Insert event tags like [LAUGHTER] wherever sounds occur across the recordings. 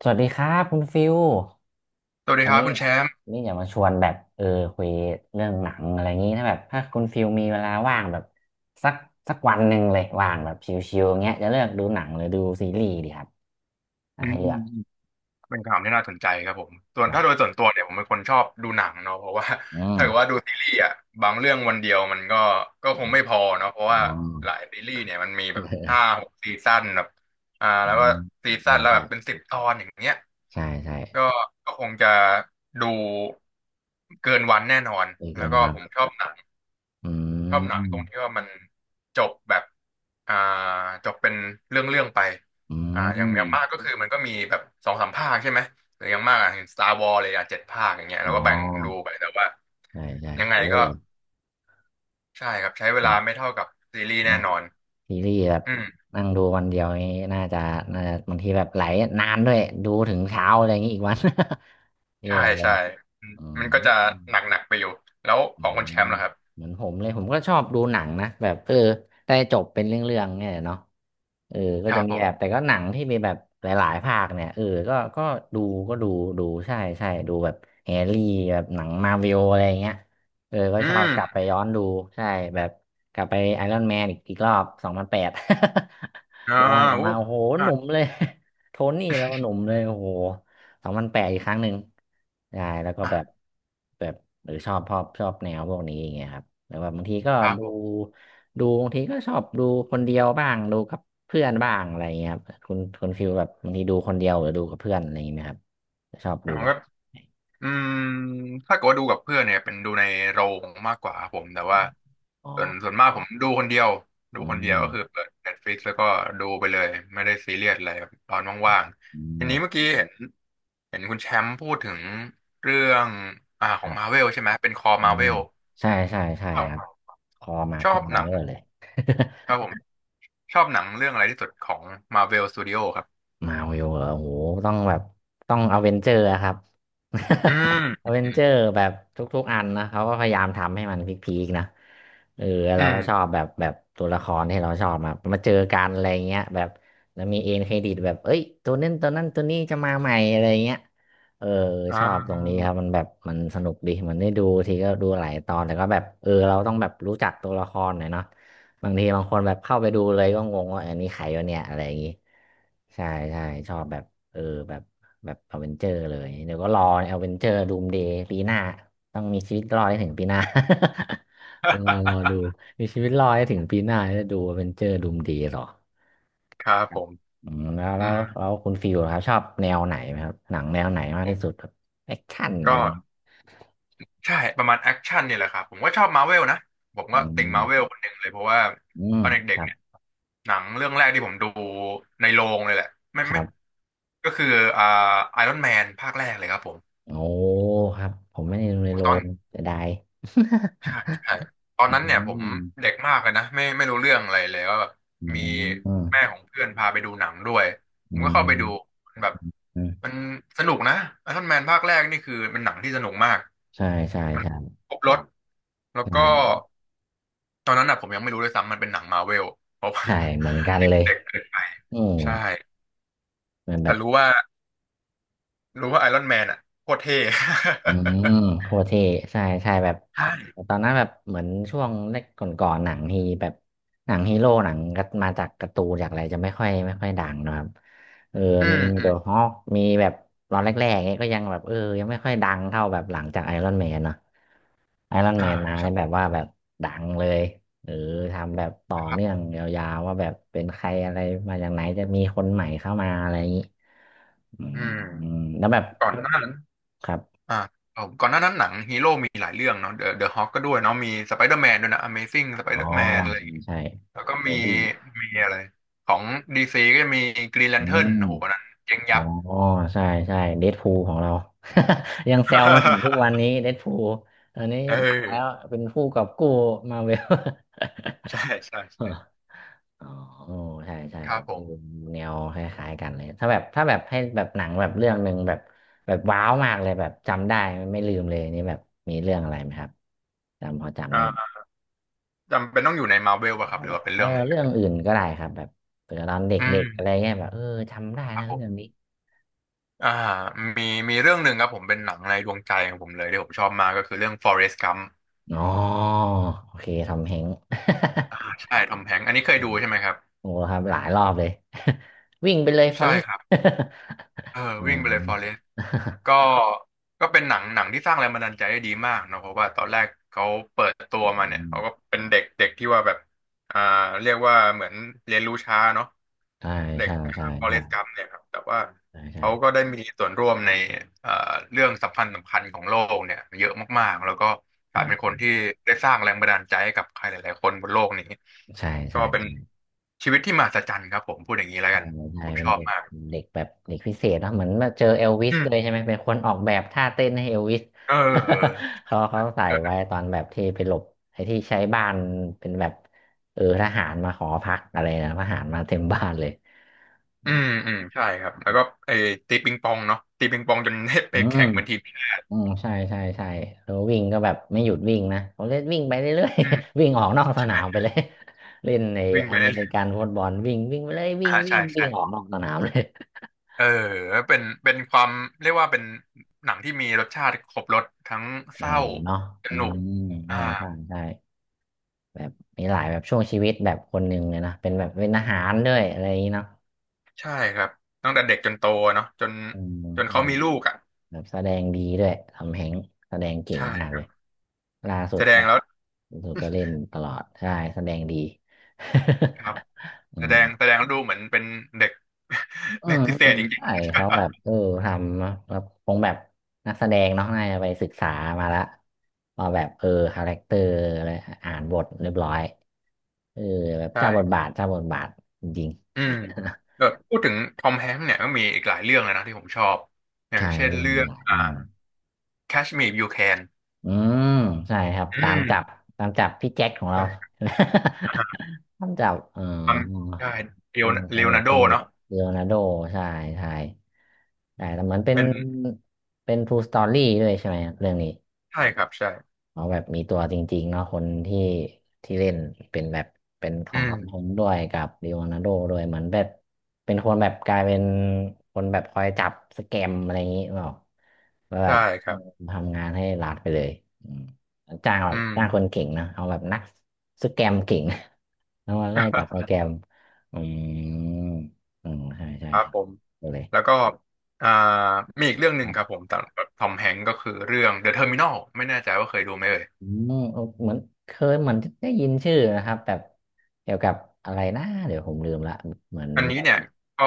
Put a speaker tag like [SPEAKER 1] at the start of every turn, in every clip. [SPEAKER 1] สวัสดีครับคุณฟิว
[SPEAKER 2] สวัสดี
[SPEAKER 1] วัน
[SPEAKER 2] ครับ
[SPEAKER 1] นี้
[SPEAKER 2] คุณแชมป์
[SPEAKER 1] วันนี่อยากมาชวนแบบเออคุยเรื่องหนังอะไรอย่างนี้ถ้าแบบถ้าคุณฟิวมีเวลาว่างแบบสักสักวันหนึ่งเลยว่างแบบชิวๆอย่างเงี้ยจะเลือกดูหนังหรือดูซีรีส์ดีครับอ่ะ
[SPEAKER 2] อื
[SPEAKER 1] ให้เลือก
[SPEAKER 2] มเป็นขถามที่น่าสนใจครับผมส่ว
[SPEAKER 1] ค
[SPEAKER 2] น
[SPEAKER 1] รั
[SPEAKER 2] ถ้าโดย
[SPEAKER 1] บ
[SPEAKER 2] ส่วนตัวเนี่ยผมเป็นคนชอบดูหนังเนาะเพราะว่า
[SPEAKER 1] อืม
[SPEAKER 2] ถ้าเกิดว่าดูซีรีส์อ่ะบางเรื่องวันเดียวมันก็คงไม่พอเนาะเพราะ
[SPEAKER 1] อ๋
[SPEAKER 2] ว่า
[SPEAKER 1] อ
[SPEAKER 2] หลายซีรีส์เนี่ยมันมี
[SPEAKER 1] [LAUGHS]
[SPEAKER 2] แบบ
[SPEAKER 1] เอ
[SPEAKER 2] ห้า
[SPEAKER 1] อ
[SPEAKER 2] หกซีซั่นแบบ
[SPEAKER 1] อื
[SPEAKER 2] แล้วก็
[SPEAKER 1] ม
[SPEAKER 2] ซี
[SPEAKER 1] ใช่
[SPEAKER 2] ซั่นแล้วแบ
[SPEAKER 1] ใช่
[SPEAKER 2] บเป็นสิบตอนอย่างเงี้ย
[SPEAKER 1] ใช่ใช่
[SPEAKER 2] ก็ก็คงจะดูเกินวันแน่นอน
[SPEAKER 1] ดี
[SPEAKER 2] แล้
[SPEAKER 1] เกิ
[SPEAKER 2] ว
[SPEAKER 1] น
[SPEAKER 2] ก็
[SPEAKER 1] วัน
[SPEAKER 2] ผมชอบหนัง
[SPEAKER 1] อื
[SPEAKER 2] ชอบหนังตรงที่
[SPEAKER 1] ม
[SPEAKER 2] ว่ามันจบแบบอ่าจบเป็นเรื่องเรื่องไป
[SPEAKER 1] อื
[SPEAKER 2] อย่า
[SPEAKER 1] ม
[SPEAKER 2] งอย่างมากก็คือมันก็มีแบบสองสามภาคใช่ไหมหรืออย่างมากอ่ะเห็น Star เลยอ่ะเจ็ดภาคอย่างเงี้ย
[SPEAKER 1] อ๋
[SPEAKER 2] เรา
[SPEAKER 1] อ
[SPEAKER 2] ก็แบ่งดูไปแต่ว่า
[SPEAKER 1] ใช่ใช่
[SPEAKER 2] ยังไง
[SPEAKER 1] เยอะ
[SPEAKER 2] ก็
[SPEAKER 1] เลย
[SPEAKER 2] ใช่ครับใช้เว
[SPEAKER 1] ครั
[SPEAKER 2] ลาไม่
[SPEAKER 1] บ
[SPEAKER 2] เท่ากับซีรีส์แน่
[SPEAKER 1] เนาะ
[SPEAKER 2] นอน
[SPEAKER 1] ซีรีส์แบบ
[SPEAKER 2] อืม
[SPEAKER 1] นั่งดูวันเดียวนี้น่าจะบางทีแบบไหลนานด้วยดูถึงเช้าอะไรอย่างนี้อีกวัน [LAUGHS] แย่
[SPEAKER 2] ใช่
[SPEAKER 1] เลย
[SPEAKER 2] ใช่อืม
[SPEAKER 1] อืม
[SPEAKER 2] มันก็จะหนักๆไปอยู่แล้ว
[SPEAKER 1] อื
[SPEAKER 2] ของคน
[SPEAKER 1] ม
[SPEAKER 2] แชมป์ล่ะครับ
[SPEAKER 1] เหมือนผมเลยผมก็ชอบดูหนังนะแบบได้จบเป็นเรื่องๆเนี่ยเนาะเออก็
[SPEAKER 2] ครั
[SPEAKER 1] จะ
[SPEAKER 2] บ
[SPEAKER 1] มี
[SPEAKER 2] ผ
[SPEAKER 1] แบบแต่
[SPEAKER 2] ม
[SPEAKER 1] ก็หนังที่มีแบบหลายๆภาคเนี่ยเออก็ดูก็ดูใช่ใช่ดูแบบแฮร์รี่แบบหนังมาร์เวลอะไรเงี้ยเออก็
[SPEAKER 2] อื
[SPEAKER 1] ชอบกลับไป
[SPEAKER 2] ม
[SPEAKER 1] ย้อนดูใช่แบบกลับไปไอรอนแมนอีกรอบสองพันแปด
[SPEAKER 2] อ่า
[SPEAKER 1] [LAUGHS] ย้อนกลับ
[SPEAKER 2] อุ๊
[SPEAKER 1] มา
[SPEAKER 2] บ
[SPEAKER 1] โอ้โห
[SPEAKER 2] อ่า
[SPEAKER 1] หนุ่มเลย [LAUGHS] โทนี่แล้วก็หนุ่มเลยโอ้โห สองพันแปดอีกครั้งหนึ่งใช่แล้วก็แบบ
[SPEAKER 2] อ่า
[SPEAKER 1] แบบหรือชอบแนวพวกนี้อย่างเงี้ยครับแล้วแบบบางทีก็
[SPEAKER 2] ครับ
[SPEAKER 1] ดู
[SPEAKER 2] ผม
[SPEAKER 1] ดูบางทีก็ชอบดูคนเดียวบ้างดูกับเพื่อนบ้างอะไรอย่างเงี้ยครับคุณฟิลแบบบางทีดูคนเดียวหรือดูกับเพื่อนอะไรอย่างเงี้ยไหมครับชอบดูแบบ
[SPEAKER 2] ก็
[SPEAKER 1] ไหน
[SPEAKER 2] อืมถ้าเกิดว่าดูกับเพื่อนเนี่ยเป็นดูในโรงมากกว่าครับผมแต่ว่า
[SPEAKER 1] อ๋อ
[SPEAKER 2] ส่วนส่วนมากผมดูคนเดียวดู
[SPEAKER 1] อื
[SPEAKER 2] คนเดียว
[SPEAKER 1] ม
[SPEAKER 2] ก็คือเปิด Netflix แล้วก็ดูไปเลยไม่ได้ซีเรียสอะไรครับตอนว่าง
[SPEAKER 1] อื
[SPEAKER 2] ๆทีนี้เมื่อ
[SPEAKER 1] ม
[SPEAKER 2] กี้เห็นเห็นคุณแชมป์พูดถึงเรื่องข
[SPEAKER 1] ค
[SPEAKER 2] อง
[SPEAKER 1] รั
[SPEAKER 2] มาเว
[SPEAKER 1] บ
[SPEAKER 2] ลใช่ไหมเป็นคอ
[SPEAKER 1] อื
[SPEAKER 2] มา
[SPEAKER 1] ม
[SPEAKER 2] เวล
[SPEAKER 1] ใช่ใช่ใช่ครับ คอมา
[SPEAKER 2] ชอ
[SPEAKER 1] เป็
[SPEAKER 2] บ
[SPEAKER 1] นมา
[SPEAKER 2] หนัง
[SPEAKER 1] เรื่อยเลย
[SPEAKER 2] ครับผมชอบหนังเรื่องอะไรที่สุดของ Marvel Studio ครับ
[SPEAKER 1] มาวิวเหรอโอ้โหต้องแบบต้องอเวนเจอร์อะครับ
[SPEAKER 2] อืม
[SPEAKER 1] [LAUGHS] อเวน
[SPEAKER 2] อื
[SPEAKER 1] เจ
[SPEAKER 2] ม
[SPEAKER 1] อร์แบบทุกๆอันนะเขาก็พยายามทำให้มันพีคๆนะเออ
[SPEAKER 2] อื
[SPEAKER 1] เรา
[SPEAKER 2] ม
[SPEAKER 1] ก็ชอบแบบตัวละครที่เราชอบมาเจอกันอะไรเงี้ยแบบแล้วมีเอ็นเครดิตแบบเอ้ยตัวนั้นตัวนั้นตัวนี้จะมาใหม่อะไรเงี้ยเออ
[SPEAKER 2] อ่
[SPEAKER 1] ชอบตรงนี้
[SPEAKER 2] า
[SPEAKER 1] ครับมันแบบมันสนุกดีมันได้ดูทีก็ดูหลายตอนแต่ก็แบบเออเราต้องแบบรู้จักตัวละครหน่อยเนาะ บางทีบางคนแบบเข้าไปดูเลยก็งงว่าอันนี้ใครวะเนี่ยอะไรอย่างงี้ใช่ใช่ชอบแบบเออแบบแบบอเวนเจอร์เลยเดี๋ยวก็รออเวนเจอร์ดูมเดย์ปีหน้าต้องมีชีวิตรอดให้ถึงปีหน้า [LAUGHS] รอรอดูมีชีวิตรอดให้ถึงปีหน้าจะดูอเวนเจอร์ดูมเดย์หรอ
[SPEAKER 2] ครับ
[SPEAKER 1] ครั
[SPEAKER 2] ผ
[SPEAKER 1] บ
[SPEAKER 2] ม
[SPEAKER 1] อืม
[SPEAKER 2] อื
[SPEAKER 1] แล้
[SPEAKER 2] ม
[SPEAKER 1] วคุณฟิลครับชอบแนวไหนไหมครับหนังแนวไหนมากที่สุดครับแอคชั่นอะไร
[SPEAKER 2] ก็
[SPEAKER 1] อย่างงี้
[SPEAKER 2] ใช่ประมาณแอคชั่นเนี่ยแหละครับผมก็ชอบมาเวลนะผม
[SPEAKER 1] อื
[SPEAKER 2] ก็ติ่ง
[SPEAKER 1] ม
[SPEAKER 2] มาเวลคนหนึ่งเลยเพราะว่า
[SPEAKER 1] อืม
[SPEAKER 2] ตอน
[SPEAKER 1] ค
[SPEAKER 2] เด็ก
[SPEAKER 1] รั
[SPEAKER 2] ๆ
[SPEAKER 1] บ
[SPEAKER 2] เนี่ยหนังเรื่องแรกที่ผมดูในโรงเลยแหละไม่
[SPEAKER 1] ครั
[SPEAKER 2] ไม่
[SPEAKER 1] บ
[SPEAKER 2] ก็คืออ่าไอรอนแมนภาคแรกเลยครับผม
[SPEAKER 1] โอ้ครับ ผมไม่ได้ดูใน
[SPEAKER 2] ผม
[SPEAKER 1] โร
[SPEAKER 2] ตอน
[SPEAKER 1] งเสียดาย
[SPEAKER 2] ใช่ใช่ตอ
[SPEAKER 1] [LAUGHS]
[SPEAKER 2] น
[SPEAKER 1] อื
[SPEAKER 2] นั้นเนี่ยผม
[SPEAKER 1] ม
[SPEAKER 2] เด็กมากเลยนะไม่รู้เรื่องอะไรเลยก็แบบ
[SPEAKER 1] อื
[SPEAKER 2] มี
[SPEAKER 1] มอื
[SPEAKER 2] แม่ของเพื่อนพาไปดูหนังด้วยผมก็เข้าไปดู
[SPEAKER 1] ม
[SPEAKER 2] แบบ
[SPEAKER 1] อืม
[SPEAKER 2] มันสนุกนะไอรอนแมนภาคแรกนี่คือเป็นหนังที่สนุกมาก
[SPEAKER 1] ใช่ใช่
[SPEAKER 2] มัน
[SPEAKER 1] ใช่
[SPEAKER 2] ครบรถแล้วก็
[SPEAKER 1] ใช่
[SPEAKER 2] ตอนนั้นอ่ะผมยังไม่รู้ด้วยซ้ำมันเป็นหนังมาเวลเพราะว่า
[SPEAKER 1] ใช่เหมือนกั
[SPEAKER 2] [LAUGHS]
[SPEAKER 1] น
[SPEAKER 2] เด
[SPEAKER 1] เลย
[SPEAKER 2] ็กเกินไป
[SPEAKER 1] อืม
[SPEAKER 2] ใช่
[SPEAKER 1] เหมือนแบ
[SPEAKER 2] แต่
[SPEAKER 1] บ
[SPEAKER 2] รู้ว่ารู้ว่าไอรอนแมนอ่ะโคตรเท่
[SPEAKER 1] อืมโคตรเท่ใช่ใช่แบบ
[SPEAKER 2] [LAUGHS] ใช่
[SPEAKER 1] ตอนนั้นแบบ เหมือนช่วงแรกก่อนๆหนังฮีแบบ หนังฮีโร่หนังก็มาจากการ์ตูนจากอะไรจะไม่ค่อยดังนะครับ เออ
[SPEAKER 2] [LAUGHS] อื
[SPEAKER 1] มี
[SPEAKER 2] มอื
[SPEAKER 1] เดอะฮ
[SPEAKER 2] ม
[SPEAKER 1] อคมีแบบตอนแรกๆเนี้ยก็ยังแบบเออ ยังไม่ค่อยดังเท่าแบบหลังจากไอรอนแมนเนาะ ไอรอน
[SPEAKER 2] อ่า
[SPEAKER 1] แมนมาได้
[SPEAKER 2] ใช่
[SPEAKER 1] แบบว่าแบบดังเลยหรือทำแบบต่อ
[SPEAKER 2] ครับ
[SPEAKER 1] เนื่อ
[SPEAKER 2] ผ
[SPEAKER 1] ง
[SPEAKER 2] ม
[SPEAKER 1] ยาวๆว่าแบบเป็นใครอะไรมาจากไหนจะมีคนใหม่เข้ามาอะไรอย่างนี้อืม
[SPEAKER 2] อื
[SPEAKER 1] อืม
[SPEAKER 2] ม
[SPEAKER 1] แล้วแบบ
[SPEAKER 2] ก่อนหน้านั้น
[SPEAKER 1] ครับ
[SPEAKER 2] อ่าเอก่อนหน้านั้นหนังฮีโร่มีหลายเรื่องเนาะเดอะเดอะฮอคก็ด้วยเนาะมีสไปเดอร์แมนด้วยนะ Amazing สไป
[SPEAKER 1] อ๋อ
[SPEAKER 2] เดอร์แมนอะไรอ
[SPEAKER 1] ใช่
[SPEAKER 2] ย่างเงี้ย
[SPEAKER 1] ใช่
[SPEAKER 2] แล้วก็
[SPEAKER 1] โอ
[SPEAKER 2] มี
[SPEAKER 1] บี้
[SPEAKER 2] มีอะไรของดีซีก็จะมีกรีนแล
[SPEAKER 1] อื
[SPEAKER 2] นเทิร์น
[SPEAKER 1] ม
[SPEAKER 2] โอ้โหอันนั้นเจ๊ง
[SPEAKER 1] อ๋
[SPEAKER 2] ยั
[SPEAKER 1] อ
[SPEAKER 2] บ
[SPEAKER 1] ใช่ใช่เดดพูลของเรา [LAUGHS] ยังแซวมาถึงทุกวัน
[SPEAKER 2] [LAUGHS]
[SPEAKER 1] นี้เดดพูลตอนนี้
[SPEAKER 2] เอ
[SPEAKER 1] ดังแล้ว
[SPEAKER 2] อ
[SPEAKER 1] เป็นผู้กอบกู้มาเว
[SPEAKER 2] ใช่ใช่
[SPEAKER 1] ล
[SPEAKER 2] ใช่
[SPEAKER 1] [LAUGHS] อ๋อใช่ใช่
[SPEAKER 2] ครั
[SPEAKER 1] โอ้
[SPEAKER 2] บผ
[SPEAKER 1] โห
[SPEAKER 2] ม
[SPEAKER 1] แนวคล้ายๆกันเลยถ้าแบบหนังแบบเรื่องหนึ่งแบบว้าวมากเลยแบบจำได้ไม่ลืมเลยนี่แบบมีเรื่องอะไรไหมครับจำพอจำ
[SPEAKER 2] อ่
[SPEAKER 1] ได้ไหม
[SPEAKER 2] า จำเป็นต้องอยู่ในมาร์เวลป่ะค
[SPEAKER 1] ว้า
[SPEAKER 2] รับ
[SPEAKER 1] ว
[SPEAKER 2] หรื
[SPEAKER 1] เล
[SPEAKER 2] อ
[SPEAKER 1] ย
[SPEAKER 2] ว่าเป็น
[SPEAKER 1] เออ
[SPEAKER 2] เรื่องไหน
[SPEAKER 1] เรื่องอื่นก็ได้ครับแบบเผื่อตอนเด
[SPEAKER 2] อื
[SPEAKER 1] ็
[SPEAKER 2] ม
[SPEAKER 1] กๆอะไรเงี้ยแบบเออจำได้
[SPEAKER 2] ครั
[SPEAKER 1] นะ
[SPEAKER 2] บผ
[SPEAKER 1] เรื่อง
[SPEAKER 2] ม
[SPEAKER 1] นี้
[SPEAKER 2] อ่ามีมีเรื่องหนึ่งครับผมเป็นหนังในดวงใจของผมเลยที่ผมชอบมากก็คือเรื่อง Forrest Gump
[SPEAKER 1] อ๋อโอเคทำเฮง
[SPEAKER 2] ใช่ทอมแฮงค์อันนี้เค
[SPEAKER 1] [LAUGHS]
[SPEAKER 2] ย
[SPEAKER 1] อื
[SPEAKER 2] ดู
[SPEAKER 1] ม
[SPEAKER 2] ใช่ไหมครับ
[SPEAKER 1] [LAUGHS] โอ้ครับหลายรอบเลย [LAUGHS] วิ่งไปเลยฟ [LAUGHS] อ
[SPEAKER 2] ใช่
[SPEAKER 1] เรส
[SPEAKER 2] ครับเออ
[SPEAKER 1] [LAUGHS] อ๋อ
[SPEAKER 2] วิ่งไปเลย Forrest ก็ก็เป็นหนังหนังที่สร้างแรงบันดาลใจได้ดีมากเนอะเพราะว่าตอนแรกเขาเปิดตัวมาเนี่ยเขาก็
[SPEAKER 1] [LAUGHS]
[SPEAKER 2] เป็นเด็กเด็กที่ว่าแบบอ่าเรียกว่าเหมือนเรียนรู้ช้าเนาะ
[SPEAKER 1] ใช่
[SPEAKER 2] เด็ก
[SPEAKER 1] ใช่ใช่
[SPEAKER 2] ฟอเร
[SPEAKER 1] ใช่
[SPEAKER 2] สต์กัมเนี่ยครับแต่ว่า
[SPEAKER 1] ใช่
[SPEAKER 2] เขาก็ได้มีส่วนร่วมในเอ่อเรื่องสำคัญสำคัญของโลกเนี่ยเยอะมากๆแล้วก็กลาย
[SPEAKER 1] ได้
[SPEAKER 2] เป็นคนที่ได้สร้างแรงบันดาลใจให้กับใครหลายๆคนบนโลกนี้
[SPEAKER 1] ใช่
[SPEAKER 2] ก็
[SPEAKER 1] ใช่
[SPEAKER 2] เป็นชีวิตที่มหัศจรรย์ครับผมพูดอย่างนี้แล้ว
[SPEAKER 1] โอ้
[SPEAKER 2] กัน
[SPEAKER 1] ใช่
[SPEAKER 2] ผม
[SPEAKER 1] เป็
[SPEAKER 2] ช
[SPEAKER 1] น
[SPEAKER 2] อบ
[SPEAKER 1] เด็ก
[SPEAKER 2] มาก
[SPEAKER 1] เด็กแบบเด็กพิเศษเนอะเหมือนมาเจอเอลวิส
[SPEAKER 2] อื
[SPEAKER 1] ด้วย
[SPEAKER 2] ม
[SPEAKER 1] ใช่ไหมเป็นคนออกแบบท่าเต้นให้เอลวิส
[SPEAKER 2] เออ
[SPEAKER 1] [LAUGHS] เขาใส่ไว้ตอนแบบที่ไปหลบไอ้ที่ใช้บ้านเป็นแบบเออทหารมาขอพักอะไรนะทหารมาเต็มบ้านเลยอื
[SPEAKER 2] อื
[SPEAKER 1] ม
[SPEAKER 2] มอืมใช่ครับแล้วก็ไอ้ตีปิงปองเนาะตีปิงปองจน [LAUGHS] ได้ไป
[SPEAKER 1] อืม
[SPEAKER 2] แข่งเป็นทีม
[SPEAKER 1] อืมใช่แล้ววิ่งก็แบบไม่หยุดวิ่งนะเขาเล่นวิ่งไปเรื่อย
[SPEAKER 2] อื
[SPEAKER 1] ๆ
[SPEAKER 2] ม
[SPEAKER 1] [LAUGHS] วิ่งออกนอกสนามไปเลย [LAUGHS] เล่นใน
[SPEAKER 2] วิ่ง
[SPEAKER 1] อ
[SPEAKER 2] ไป
[SPEAKER 1] เม
[SPEAKER 2] เรื่
[SPEAKER 1] ริ
[SPEAKER 2] อ
[SPEAKER 1] กัน
[SPEAKER 2] ย
[SPEAKER 1] ฟุตบอลวิ่งวิ่งไปเลย
[SPEAKER 2] ๆ
[SPEAKER 1] วิ่งวิ่
[SPEAKER 2] ใช่
[SPEAKER 1] งวิ่
[SPEAKER 2] ใช่
[SPEAKER 1] งออกนอกสนามเลย
[SPEAKER 2] เออเป็นเป็นความเรียกว่าเป็นหนังที่มีรสชาติครบรสทั้งเศ
[SPEAKER 1] อ่า
[SPEAKER 2] ร้า
[SPEAKER 1] เนาะ
[SPEAKER 2] ส
[SPEAKER 1] อื
[SPEAKER 2] นุก
[SPEAKER 1] มใช่
[SPEAKER 2] อ่า
[SPEAKER 1] ใช่ใช่แบบมีหลายแบบช่วงชีวิตแบบคนหนึ่งเลยนะเป็นแบบเป็นอาหารด้วยอะไรอย่างนี้เนาะ
[SPEAKER 2] ใช่ครับตั้งแต่เด็กจนโตเนาะจน
[SPEAKER 1] อืม
[SPEAKER 2] จน
[SPEAKER 1] ใช่
[SPEAKER 2] เขามีลูกอ่ะ
[SPEAKER 1] แบบแสดงดีด้วยทำแฮงค์แสดงเก่ง
[SPEAKER 2] ใช่
[SPEAKER 1] มาก
[SPEAKER 2] ค
[SPEAKER 1] เล
[SPEAKER 2] รั
[SPEAKER 1] ย
[SPEAKER 2] บ
[SPEAKER 1] ล่าสุ
[SPEAKER 2] แส
[SPEAKER 1] ด
[SPEAKER 2] ด
[SPEAKER 1] ก็
[SPEAKER 2] ง
[SPEAKER 1] ล
[SPEAKER 2] แล้ว
[SPEAKER 1] ่าสุดก็เล่นตลอดใช่แสดงดี
[SPEAKER 2] ครับ
[SPEAKER 1] [LAUGHS] อื
[SPEAKER 2] แส
[SPEAKER 1] ม
[SPEAKER 2] ดงแสดงแล้วดูเหมือนเป็นเด็ก [LAUGHS]
[SPEAKER 1] อื
[SPEAKER 2] เด็ก
[SPEAKER 1] ม
[SPEAKER 2] พิเศ
[SPEAKER 1] อื
[SPEAKER 2] ษ
[SPEAKER 1] ม
[SPEAKER 2] จริง
[SPEAKER 1] ใช่เขา
[SPEAKER 2] ๆ
[SPEAKER 1] แบบทำเนอะแบบคงแบบนักแสดงเนาะน่าจะไปศึกษามาละว่าแบบคาแรคเตอร์อะไรอ่านบทเรียบร้อยเออแบบ
[SPEAKER 2] [LAUGHS]
[SPEAKER 1] เจ้าบท
[SPEAKER 2] ใช่
[SPEAKER 1] บาทเจ้าบทบาทจริง
[SPEAKER 2] อืมเออพูดถึงทอมแฮงค์เนี่ยก็มีอีกหลายเรื่องเลยนะที่ผมชอบ
[SPEAKER 1] ๆ
[SPEAKER 2] อ
[SPEAKER 1] [LAUGHS]
[SPEAKER 2] ย่าง
[SPEAKER 1] ใช่
[SPEAKER 2] เช่น
[SPEAKER 1] เล่น
[SPEAKER 2] เรื่อง
[SPEAKER 1] หลายเรื่อง
[SPEAKER 2] Catch Me If You Can
[SPEAKER 1] อืมใช่ครับ
[SPEAKER 2] อื
[SPEAKER 1] ตาม
[SPEAKER 2] ม
[SPEAKER 1] จับตามจับพี่แจ็คของเรา
[SPEAKER 2] ใช่อ่า
[SPEAKER 1] [LAUGHS] ตามจับอ๋อ
[SPEAKER 2] ความใช่เล
[SPEAKER 1] เอ
[SPEAKER 2] โอ
[SPEAKER 1] อส
[SPEAKER 2] เลโอ
[SPEAKER 1] นุก
[SPEAKER 2] นาร์โด
[SPEAKER 1] สนุก
[SPEAKER 2] เนาะ
[SPEAKER 1] เลโอนาร์โดใช่ใช่แต่เหมือนเป็น
[SPEAKER 2] เป็น
[SPEAKER 1] เป็น True Story ด้วยใช่ไหมครับเรื่องนี้
[SPEAKER 2] ใช่ครับใช่
[SPEAKER 1] เอาแบบมีตัวจริงๆเนาะคนที่ที่เล่นเป็นแบบเป็นขอ
[SPEAKER 2] อื
[SPEAKER 1] งท
[SPEAKER 2] ม
[SPEAKER 1] อมฮงด้วยกับลีโอนาร์โดด้วยเหมือนแบบเป็นคนแบบกลายเป็นคนแบบคอยจับสแกมอะไรอย่างนี้เปล่าแล้วแบ
[SPEAKER 2] ใช่
[SPEAKER 1] บ
[SPEAKER 2] ครับ
[SPEAKER 1] ทำงานให้รัฐไปเลยอืมจ้างแบ
[SPEAKER 2] อื
[SPEAKER 1] บ
[SPEAKER 2] ม
[SPEAKER 1] จ้างคนเก่งนะเอาแบบนักสแกมเก่ง [LAUGHS] แล้วมาไล่จับสแก
[SPEAKER 2] [LAUGHS]
[SPEAKER 1] มอืมอืมใช่ใช่
[SPEAKER 2] ครับ
[SPEAKER 1] ใช่
[SPEAKER 2] ผม
[SPEAKER 1] ไปเลย
[SPEAKER 2] แล้วก็อ่ามีอีกเรื่องหนึ่งครับผมตามทอมแฮงก์ก็คือเรื่อง The Terminal ไม่แน่ใจว่าเคยดูไหมเอ่ย
[SPEAKER 1] อืมเออเหมือนเคยเหมือนได้ยินชื่อนะครับแบบเกี่ยวกับอะไรนะเดี๋ยวผมลืมละเหมือน
[SPEAKER 2] อันนี้
[SPEAKER 1] แบบ
[SPEAKER 2] เนี่ยก็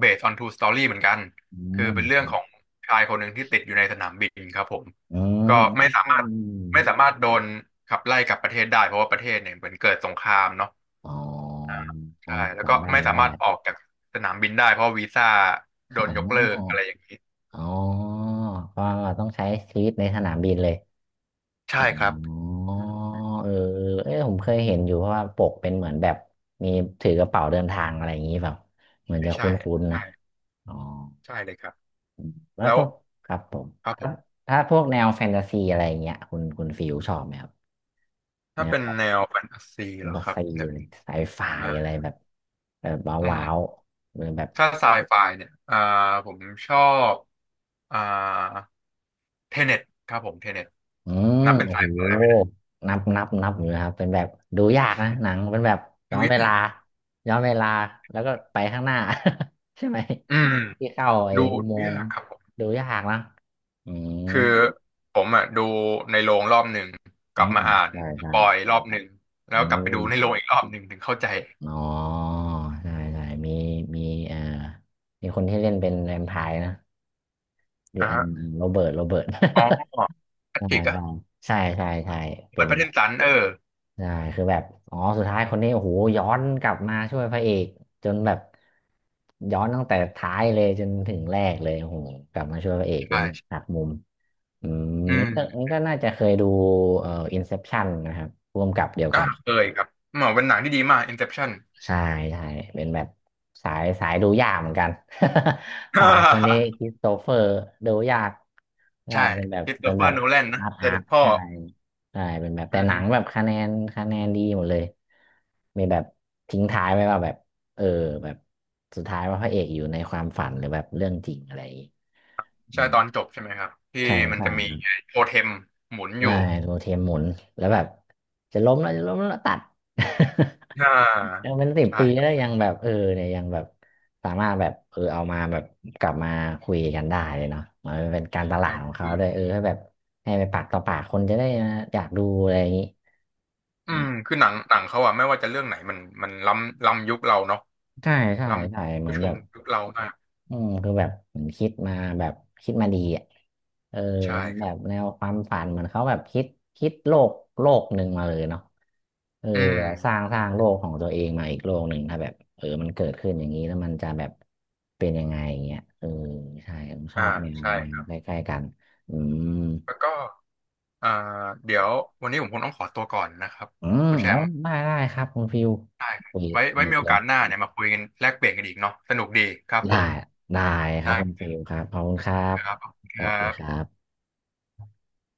[SPEAKER 2] based on true story เหมือนกัน
[SPEAKER 1] อื
[SPEAKER 2] คือเป็นเรื่องข
[SPEAKER 1] ม
[SPEAKER 2] องชายคนหนึ่งที่ติดอยู่ในสนามบินครับผม
[SPEAKER 1] อื
[SPEAKER 2] ก็ไม่สามาร
[SPEAKER 1] ม
[SPEAKER 2] ถไม่สามารถโดนขับไล่กลับประเทศได้เพราะว่าประเทศเนี่ยเหมือนเกิดสงครามเนาะ
[SPEAKER 1] อ๋ออ๋อ
[SPEAKER 2] ใช่แล้วก็
[SPEAKER 1] จำบ้าน
[SPEAKER 2] ไม่
[SPEAKER 1] ไม่
[SPEAKER 2] สา
[SPEAKER 1] ได้
[SPEAKER 2] มารถออกจากสนามบินได้เพราะวีซ่าโด
[SPEAKER 1] อ๋
[SPEAKER 2] นยกเลิกอะไร
[SPEAKER 1] อ
[SPEAKER 2] อย่างนี้
[SPEAKER 1] อ๋อเพราะว่าต้องใช้ชีวิตในสนามบินเลยอ๋
[SPEAKER 2] ใช่ครับ
[SPEAKER 1] อ
[SPEAKER 2] อืม
[SPEAKER 1] เออเออผมเคยเห็นอยู่เพราะว่าปกเป็นเหมือนแบบมีถือกระเป๋าเดินทางอะไรอย่างนี้แบบเหมือนจะ
[SPEAKER 2] ไม่ใช่
[SPEAKER 1] คุ้นๆนะ
[SPEAKER 2] ใช่
[SPEAKER 1] อ๋อ
[SPEAKER 2] ใช่เลยครับ
[SPEAKER 1] แล้ว
[SPEAKER 2] แล้
[SPEAKER 1] พ
[SPEAKER 2] ว
[SPEAKER 1] วกครับผม
[SPEAKER 2] ครับผ
[SPEAKER 1] ถ้า
[SPEAKER 2] ม
[SPEAKER 1] ถ้าพวกแนวแฟนตาซีอะไรอย่างเงี้ยคุณคุณฟิวชอบไหมครับแน
[SPEAKER 2] ถ้า
[SPEAKER 1] ว
[SPEAKER 2] เป็น
[SPEAKER 1] แบบ
[SPEAKER 2] แนวแฟนตาซี
[SPEAKER 1] แฟ
[SPEAKER 2] เหร
[SPEAKER 1] น
[SPEAKER 2] อ
[SPEAKER 1] ตา
[SPEAKER 2] ครับ
[SPEAKER 1] ซี
[SPEAKER 2] เดี๋ยว
[SPEAKER 1] เลยไซไฟ
[SPEAKER 2] นะ
[SPEAKER 1] อะไรแบบแบบ
[SPEAKER 2] อืม
[SPEAKER 1] ว้าวๆเป็นแบบ
[SPEAKER 2] ถ้าไซไฟเนี่ยผมชอบอ่าเทเน็ตครับผมเทเน็ต
[SPEAKER 1] อืม
[SPEAKER 2] นับเป็น
[SPEAKER 1] โอ้
[SPEAKER 2] ไซ
[SPEAKER 1] โห
[SPEAKER 2] ไฟ
[SPEAKER 1] นับนับนับอยู่นะครับเป็นแบบดูยากนะหนังเป็นแบบย้อ
[SPEAKER 2] ดู
[SPEAKER 1] นเว
[SPEAKER 2] ยา
[SPEAKER 1] ลา
[SPEAKER 2] ก
[SPEAKER 1] ย้อนเวลาแล้วก็ไปข้างหน้า [LAUGHS] ใช่ไหม
[SPEAKER 2] อืม
[SPEAKER 1] ที่เข้าไอ้
[SPEAKER 2] ดู
[SPEAKER 1] อุ
[SPEAKER 2] ดู
[SPEAKER 1] โมง
[SPEAKER 2] ยา
[SPEAKER 1] ค์
[SPEAKER 2] กครับผม
[SPEAKER 1] ดูยากนะอืม
[SPEAKER 2] คือผมอ่ะดูในโรงรอบหนึ่งก
[SPEAKER 1] อื
[SPEAKER 2] ลับ
[SPEAKER 1] ม
[SPEAKER 2] มาอ่าน
[SPEAKER 1] ได้
[SPEAKER 2] ส
[SPEAKER 1] ได้
[SPEAKER 2] ปอยรอบหนึ่งแล้
[SPEAKER 1] อื
[SPEAKER 2] วกลับไปดูในโร
[SPEAKER 1] ม
[SPEAKER 2] งอีกรอบหนึ่งถึงเข้าใจ
[SPEAKER 1] อ๋อใช่ใช่มีมีเอ่อมีคนที่เล่นเป็นแวมไพร์นะเด
[SPEAKER 2] อ่ะ
[SPEAKER 1] อันโรเบิร์ตโรเบิร์ต
[SPEAKER 2] อ๋อ
[SPEAKER 1] [LAUGHS]
[SPEAKER 2] แพ
[SPEAKER 1] ใช่
[SPEAKER 2] ทริกอะ
[SPEAKER 1] ใช่ใช่ใช่ใช่เป็
[SPEAKER 2] เปิด
[SPEAKER 1] น
[SPEAKER 2] พระเด
[SPEAKER 1] แบ
[SPEAKER 2] น
[SPEAKER 1] บ
[SPEAKER 2] สันเออ
[SPEAKER 1] ใช่คือแบบอ๋อสุดท้ายคนนี้โอ้โหย้อนกลับมาช่วยพระเอกจนแบบย้อนตั้งแต่ท้ายเลยจนถึงแรกเลยโอ้โหกลับมาช่วยพระเอกเป็น
[SPEAKER 2] ใช่
[SPEAKER 1] หักมุมอืม
[SPEAKER 2] อื
[SPEAKER 1] นี่
[SPEAKER 2] ม
[SPEAKER 1] ก็นี่ก็น่าจะเคยดูอินเซปชันนะครับร่วมกับเดียว
[SPEAKER 2] ก็
[SPEAKER 1] กัน
[SPEAKER 2] เคยครับเหมือนเป็นหนังที่ดีมาก Inception
[SPEAKER 1] ใช่ใช่เป็นแบบสายสายดูยากเหมือนกัน [LAUGHS] สายคนนี้คริสโตเฟอร์ดูยาก
[SPEAKER 2] [LAUGHS]
[SPEAKER 1] ใช่
[SPEAKER 2] ใช่
[SPEAKER 1] เป็นแบบ
[SPEAKER 2] คริสโต
[SPEAKER 1] เป็น
[SPEAKER 2] เฟอ
[SPEAKER 1] แบ
[SPEAKER 2] ร์
[SPEAKER 1] บ
[SPEAKER 2] โนแลนนะ
[SPEAKER 1] อาร์ต
[SPEAKER 2] เจอ
[SPEAKER 1] อาร์
[SPEAKER 2] เด็
[SPEAKER 1] ต
[SPEAKER 2] ดพ่อ
[SPEAKER 1] ใช่ใช่เป็นแบบ
[SPEAKER 2] อื
[SPEAKER 1] แต่หนั
[SPEAKER 2] ม
[SPEAKER 1] งแบบคะแนนคะแนนดีหมดเลยมีแบบทิ้งท้ายไว้ว่าแบบเออแบบสุดท้ายว่าพระเอกอยู่ในความฝันหรือแบบเรื่องจริงอะไรอย่างงี้อื
[SPEAKER 2] ใช่
[SPEAKER 1] ม
[SPEAKER 2] ตอนจบใช่ไหมครับที่
[SPEAKER 1] ใช่
[SPEAKER 2] มัน
[SPEAKER 1] ใช่
[SPEAKER 2] จะมีโทเทมหมุนอ
[SPEAKER 1] ได้
[SPEAKER 2] ยู่
[SPEAKER 1] โรเทมหมุนแล้วแบบจะล้มแล้วจะล้มแล้วตัด
[SPEAKER 2] อ่
[SPEAKER 1] [LAUGHS] ยัง
[SPEAKER 2] า
[SPEAKER 1] เป็นสิบ
[SPEAKER 2] ใช่
[SPEAKER 1] ปีแล้
[SPEAKER 2] ค
[SPEAKER 1] ว
[SPEAKER 2] รับ
[SPEAKER 1] ยังแบบเออเนี่ยยังแบบสามารถแบบเออเอามาแบบกลับมาคุยกันได้เลยเนาะมันเป็นการตลา
[SPEAKER 2] ใช่
[SPEAKER 1] ดของเขา
[SPEAKER 2] คือ
[SPEAKER 1] ด้วยเออให้แบบให้ไปปากต่อปากคนจะได้อยากดูอะไรอย่างนี้
[SPEAKER 2] อืมคือหนังหนังเขาอะไม่ว่าจะเรื่องไหนมันมันล้ำล้ำยุคเราเนาะ
[SPEAKER 1] ใช่ใช่
[SPEAKER 2] ล้
[SPEAKER 1] ใช่
[SPEAKER 2] ำ
[SPEAKER 1] เหมื
[SPEAKER 2] ผู้
[SPEAKER 1] อน
[SPEAKER 2] ช
[SPEAKER 1] แบ
[SPEAKER 2] ม
[SPEAKER 1] บ
[SPEAKER 2] ยุคเรามาก
[SPEAKER 1] อืมคือแบบผมคิดมาแบบคิดมาดีอ่ะเออ
[SPEAKER 2] ใช่ค
[SPEAKER 1] แบ
[SPEAKER 2] รับ
[SPEAKER 1] บแนวความฝันเหมือนเขาแบบคิดคิดโลกโลกหนึ่งมาเลยเนาะเออ
[SPEAKER 2] อืม
[SPEAKER 1] สร้างสร้างโลกของตัวเองมาอีกโลกหนึ่งถ้าแบบเออมันเกิดขึ้นอย่างนี้แล้วมันจะแบบเป็นยังไงอย่างเงี้ยเออใช่ผมชอ
[SPEAKER 2] อ่า
[SPEAKER 1] บแนว
[SPEAKER 2] ใช่
[SPEAKER 1] แน
[SPEAKER 2] ค
[SPEAKER 1] ว
[SPEAKER 2] รับ
[SPEAKER 1] ใกล้ๆกันอืม
[SPEAKER 2] แล้วก็อ่าเดี๋
[SPEAKER 1] ค
[SPEAKER 2] ย
[SPEAKER 1] รั
[SPEAKER 2] ว
[SPEAKER 1] บ
[SPEAKER 2] วันนี้ผมคงต้องขอตัวก่อนนะครับ
[SPEAKER 1] อืม
[SPEAKER 2] คุณแช
[SPEAKER 1] อ๋อ
[SPEAKER 2] มป์
[SPEAKER 1] ได้ได้ครับคุณฟิว
[SPEAKER 2] ได้ครับ
[SPEAKER 1] คุย
[SPEAKER 2] ไว้
[SPEAKER 1] ส
[SPEAKER 2] ไว้
[SPEAKER 1] นุ
[SPEAKER 2] มี
[SPEAKER 1] ก
[SPEAKER 2] โอ
[SPEAKER 1] เลย
[SPEAKER 2] กาสหน้าเนี่ยมาคุยกันแลกเปลี่ยนกันอีกเนาะสนุกดีครับผ
[SPEAKER 1] ได้
[SPEAKER 2] ม
[SPEAKER 1] ได้ครับคุณ
[SPEAKER 2] ได้
[SPEAKER 1] ฟิวครับขอบคุณครับ
[SPEAKER 2] ครับขอบคุณ
[SPEAKER 1] ส
[SPEAKER 2] ค
[SPEAKER 1] วั
[SPEAKER 2] รั
[SPEAKER 1] สดีครั
[SPEAKER 2] บ
[SPEAKER 1] บ